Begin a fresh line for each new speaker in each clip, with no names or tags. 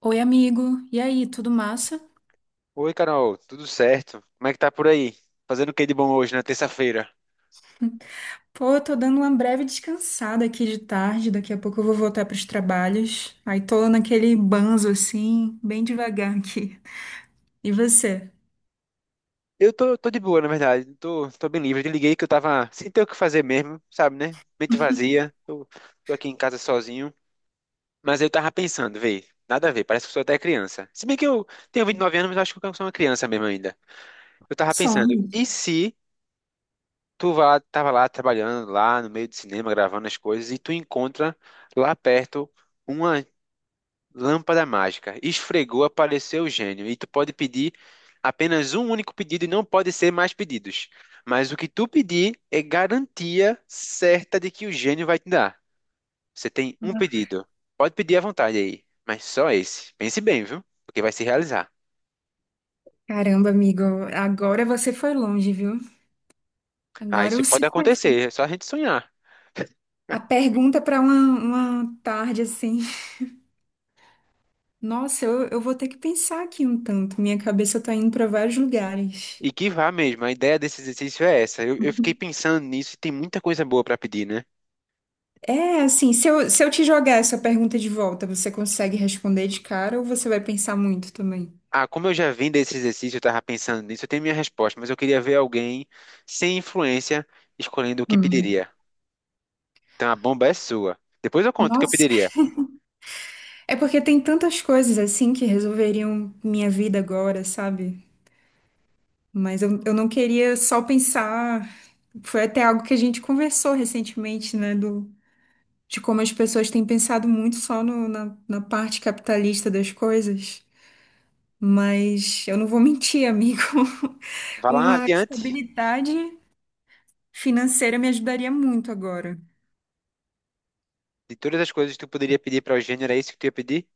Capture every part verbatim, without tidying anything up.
Oi, amigo. E aí, tudo massa?
Oi, Carol, tudo certo? Como é que tá por aí? Fazendo o que de bom hoje, na terça-feira?
Pô, eu tô dando uma breve descansada aqui de tarde. Daqui a pouco eu vou voltar pros trabalhos. Aí tô naquele banzo assim, bem devagar aqui. E você?
Eu tô, tô de boa, na verdade. Tô, tô bem livre. Eu te liguei que eu tava sem ter o que fazer mesmo, sabe, né? Mente vazia. Tô, tô aqui em casa sozinho. Mas eu tava pensando, vê, nada a ver, parece que eu sou até criança. Se bem que eu tenho vinte e nove anos, mas eu acho que eu sou uma criança mesmo ainda. Eu tava pensando,
Some.
e se tu vá, tava lá trabalhando, lá no meio do cinema, gravando as coisas, e tu encontra lá perto. Uma lâmpada mágica. Esfregou, apareceu o gênio. E tu pode pedir apenas um único pedido e não pode ser mais pedidos. Mas o que tu pedir é garantia certa de que o gênio vai te dar. Você tem um pedido. Pode pedir à vontade aí, mas só esse. Pense bem, viu? Porque vai se realizar.
Caramba, amigo, agora você foi longe, viu?
Ah,
Agora
isso
você
pode
foi.
acontecer, é só a gente sonhar.
A pergunta para uma, uma tarde assim. Nossa, eu, eu vou ter que pensar aqui um tanto. Minha cabeça tá indo para vários lugares.
E que vá mesmo, a ideia desse exercício é essa. Eu, eu fiquei pensando nisso e tem muita coisa boa para pedir, né?
É, assim, se eu, se eu te jogar essa pergunta de volta, você consegue responder de cara ou você vai pensar muito também?
Ah, como eu já vim desse exercício, eu estava pensando nisso, eu tenho minha resposta, mas eu queria ver alguém sem influência escolhendo o que
Hum.
pediria. Então a bomba é sua. Depois eu conto o que eu
Nossa,
pediria.
é porque tem tantas coisas assim que resolveriam minha vida agora, sabe? Mas eu, eu não queria só pensar. Foi até algo que a gente conversou recentemente, né? Do, de como as pessoas têm pensado muito só no- na, na parte capitalista das coisas. Mas eu não vou mentir, amigo.
Vá lá
Uma
adiante.
estabilidade financeira me ajudaria muito agora.
De todas as coisas que tu poderia pedir para o Gênero, era isso que tu ia pedir?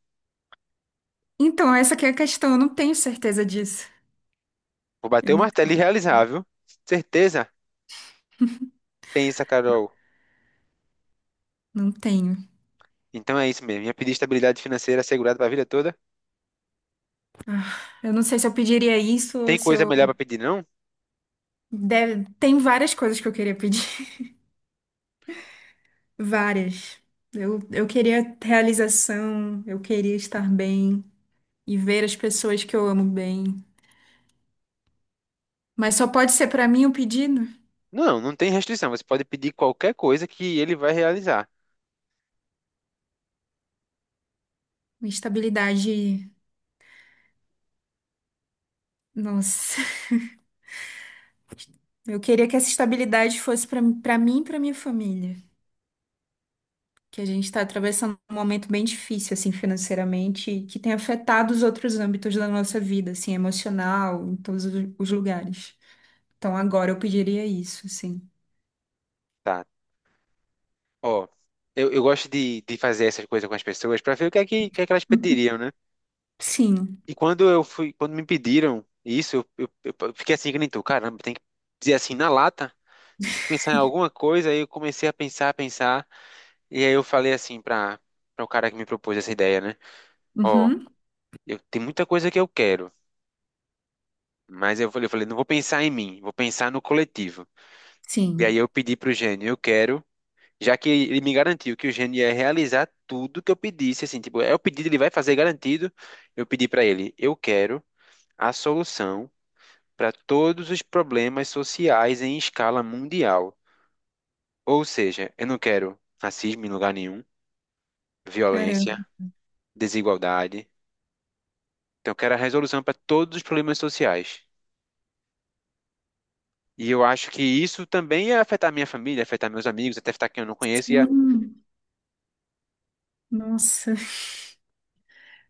Então, essa que é a questão, eu não tenho certeza disso.
Vou
Eu
bater o
não,
martelo e realizar, viu? Certeza? Pensa, Carol.
não tenho.
Então é isso mesmo. Ia pedir estabilidade financeira assegurada para a vida toda.
Eu não sei se eu pediria isso
Tem
ou se
coisa melhor
eu.
para pedir, não?
Deve... Tem várias coisas que eu queria pedir. Várias. Eu, eu queria realização, eu queria estar bem e ver as pessoas que eu amo bem. Mas só pode ser pra mim o pedido?
Não, não tem restrição. Você pode pedir qualquer coisa que ele vai realizar.
Uma estabilidade. Nossa. Eu queria que essa estabilidade fosse pra para mim e pra minha família. Que a gente está atravessando um momento bem difícil, assim, financeiramente, e que tem afetado os outros âmbitos da nossa vida, assim, emocional, em todos os os lugares. Então, agora eu pediria isso, assim.
Tá. Ó, eu, eu gosto de, de fazer essas coisas com as pessoas para ver o que é que, o que é que elas pediriam, né?
Sim.
E quando eu fui, quando me pediram isso, eu, eu, eu fiquei assim que nem tu, caramba, tem que dizer assim na lata, tem que pensar em alguma coisa. Aí eu comecei a pensar, a pensar, e aí eu falei assim para para o cara que me propôs essa ideia, né? Ó,
Uhum.
eu tem muita coisa que eu quero, mas eu falei, eu falei, não vou pensar em mim, vou pensar no coletivo. E
Sim.
aí eu pedi pro gênio, eu quero. Já que ele me garantiu que o Gênio ia realizar tudo que eu pedisse, assim, tipo, é o pedido, ele vai fazer garantido. Eu pedi para ele, eu quero a solução para todos os problemas sociais em escala mundial. Ou seja, eu não quero racismo em lugar nenhum, violência,
Caramba.
desigualdade. Então, eu quero a resolução para todos os problemas sociais. E eu acho que isso também ia afetar minha família, afetar meus amigos, até afetar quem eu não conheço, ia...
Sim. Nossa.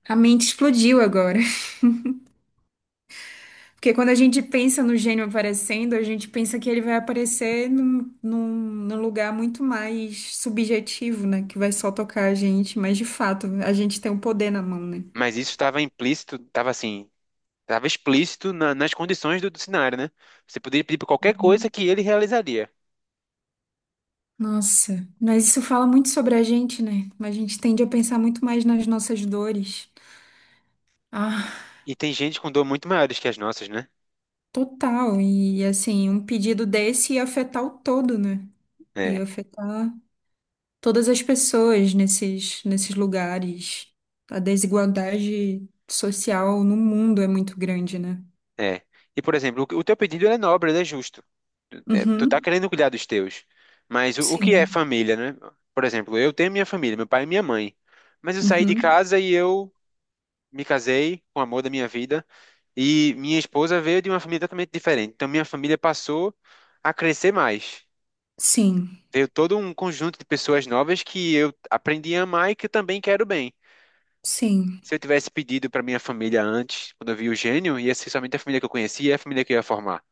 A mente explodiu agora. Porque quando a gente pensa no gênio aparecendo, a gente pensa que ele vai aparecer num, num, num lugar muito mais subjetivo, né? Que vai só tocar a gente. Mas, de fato, a gente tem o poder na mão, né?
Mas isso estava implícito, estava assim. Estava explícito na- nas condições do, do cenário, né? Você poderia pedir para qualquer coisa que ele realizaria.
Nossa, mas isso fala muito sobre a gente, né? A gente tende a pensar muito mais nas nossas dores. Ah,
E tem gente com dor muito maiores que as nossas, né?
total. E assim, um pedido desse ia afetar o todo, né?
É,
Ia afetar todas as pessoas nesses, nesses lugares. A desigualdade social no mundo é muito grande, né?
é. E, por exemplo, o, o teu pedido ele é nobre, ele é justo. Tu, é, tu tá
Uhum.
querendo cuidar dos teus. Mas o, o que é
Sim.
família, né? Por exemplo, eu tenho minha família, meu pai e minha mãe. Mas eu saí de
Uhum.
casa e eu me casei com o amor da minha vida. E minha esposa veio de uma família totalmente diferente. Então, minha família passou a crescer mais.
Sim.
Veio todo um conjunto de pessoas novas que eu aprendi a amar e que eu também quero bem.
Sim.
Se eu tivesse pedido para minha família antes, quando eu vi o gênio, ia ser somente a família que eu conhecia e a família que eu ia formar.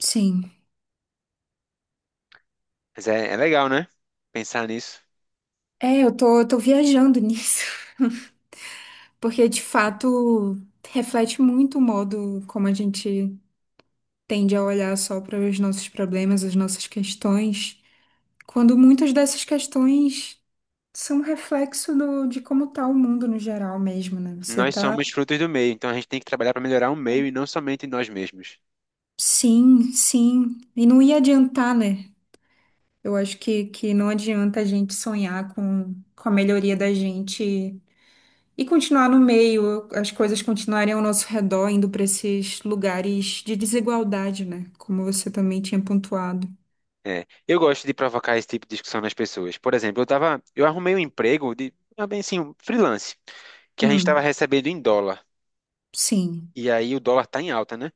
Sim.
Mas é, é legal, né? Pensar nisso.
É, eu tô, eu tô viajando nisso. Porque de fato reflete muito o modo como a gente tende a olhar só para os nossos problemas, as nossas questões, quando muitas dessas questões são reflexo do- de como está o mundo no geral mesmo, né? Você
Nós
tá,
somos frutos do meio, então a gente tem que trabalhar para melhorar o meio e não somente nós mesmos.
sim, sim, e não ia adiantar, né? Eu acho que, que não adianta a gente sonhar com, com a melhoria da gente e continuar no meio, as coisas continuarem ao nosso redor, indo para esses lugares de desigualdade, né? Como você também tinha pontuado.
É, eu gosto de provocar esse tipo de discussão nas pessoas. Por exemplo, eu tava, eu arrumei um emprego de, ah, bem assim, um freelance, que a gente estava
Hum,
recebendo em dólar.
sim.
E aí o dólar tá em alta, né?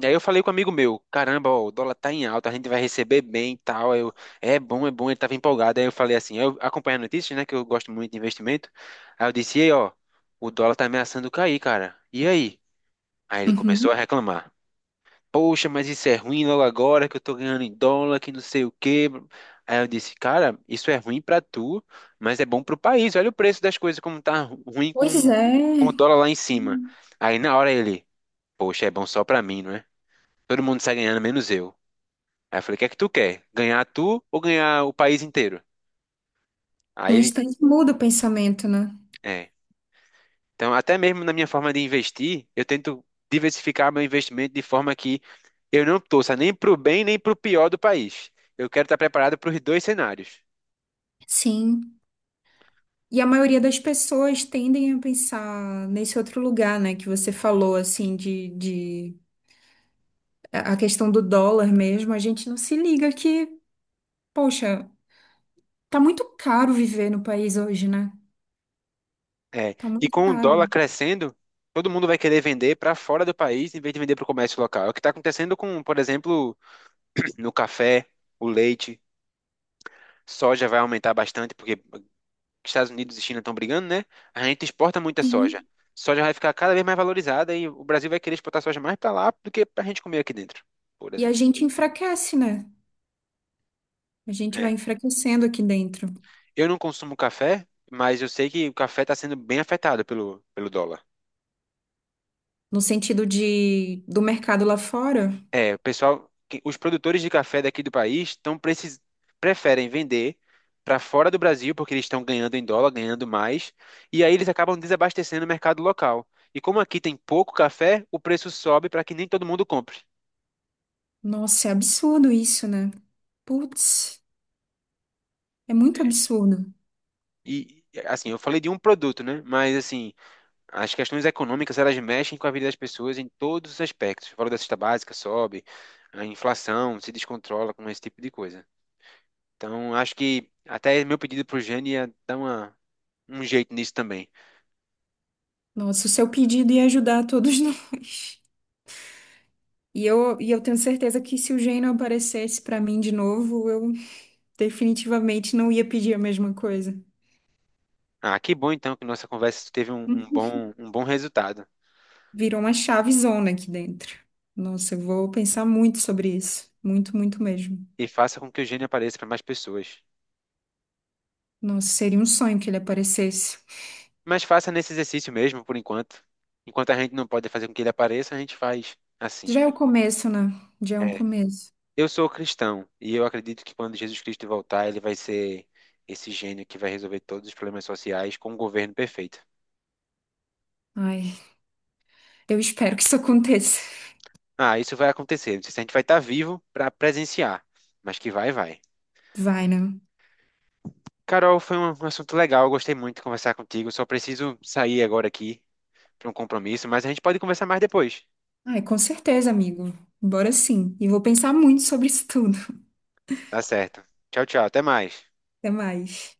Daí eu falei com um amigo meu, caramba, ó, o dólar tá em alta, a gente vai receber bem e tal. Aí eu, é bom, é bom, ele tava empolgado. Aí eu falei assim, eu acompanho as notícias, né, que eu gosto muito de investimento. Aí eu disse, e aí, ó, o dólar tá ameaçando cair, cara. E aí? Aí ele
Uhum.
começou a reclamar. Poxa, mas isso é ruim logo agora que eu tô ganhando em dólar, que não sei o quê. Aí eu disse, cara, isso é ruim pra tu, mas é bom pro país. Olha o preço das coisas como tá ru- ruim com,
Pois
com
é.
o dólar lá em cima.
Hum.
Aí na hora ele, poxa, é bom só pra mim, não é? Todo mundo sai ganhando, menos eu. Aí eu falei, o que é que tu quer? Ganhar tu ou ganhar o país inteiro?
No
Aí ele,
instante muda o pensamento, né?
é. Então, até mesmo na minha forma de investir, eu tento diversificar meu investimento de forma que eu não torça nem pro bem nem pro pior do país. Eu quero estar preparado para os dois cenários.
Sim. E a maioria das pessoas tendem a pensar nesse outro lugar, né? Que você falou, assim, de, de... A a questão do dólar mesmo. A gente não se liga que, poxa, tá muito caro viver no país hoje, né?
É.
Tá
E
muito
com o dólar
caro.
crescendo, todo mundo vai querer vender para fora do país em vez de vender para o comércio local. É o que está acontecendo com, por exemplo, no café, o leite, soja vai aumentar bastante porque que Estados Unidos e China estão brigando, né? A gente exporta muita soja.
Sim.
Soja vai ficar cada vez mais valorizada e o Brasil vai querer exportar soja mais para lá do que para a gente comer aqui dentro, por
E a
exemplo.
gente enfraquece, né? A gente
É.
vai enfraquecendo aqui dentro.
Eu não consumo café, mas eu sei que o café está sendo bem afetado pelo, pelo dólar.
No sentido de do mercado lá fora.
É, o pessoal, que- os produtores de café daqui do país estão precis, preferem vender para fora do Brasil porque eles estão ganhando em dólar, ganhando mais, e aí eles acabam desabastecendo o mercado local. E como aqui tem pouco café, o preço sobe para que nem todo mundo compre.
Nossa, é absurdo isso, né? Putz, é muito absurdo.
E, assim, eu falei de um produto, né? Mas, assim, as questões econômicas, elas mexem com a vida das pessoas em todos os aspectos. O valor da cesta básica sobe, a inflação se descontrola com esse tipo de coisa. Então, acho que até meu pedido pro Jane ia dar uma, um jeito nisso também.
Nossa, o seu pedido ia ajudar todos nós. E eu, e eu tenho certeza que se o Geno aparecesse pra mim de novo, eu definitivamente não ia pedir a mesma coisa.
Ah, que bom, então, que nossa conversa teve um, um bom, um bom resultado.
Virou uma chavezona aqui dentro. Nossa, eu vou pensar muito sobre isso. Muito, muito mesmo.
E faça com que o Jane apareça para mais pessoas.
Nossa, seria um sonho que ele aparecesse.
Mas faça nesse exercício mesmo, por enquanto. Enquanto a gente não pode fazer com que ele apareça, a gente faz assim.
Já é o começo, né? Já é um
É,
começo.
eu sou cristão e eu acredito que quando Jesus Cristo voltar, ele vai ser esse gênio que vai resolver todos os problemas sociais com um governo perfeito.
Ai, eu espero que isso aconteça.
Ah, isso vai acontecer. Não sei se a gente vai estar vivo para presenciar, mas que vai, vai.
Vai, né?
Carol, foi um um assunto legal. Eu gostei muito de conversar contigo. Só preciso sair agora aqui para um compromisso, mas a gente pode conversar mais depois.
Ai, com certeza, amigo. Bora sim. E vou pensar muito sobre isso tudo.
Tá certo. Tchau, tchau. Até mais.
Até mais.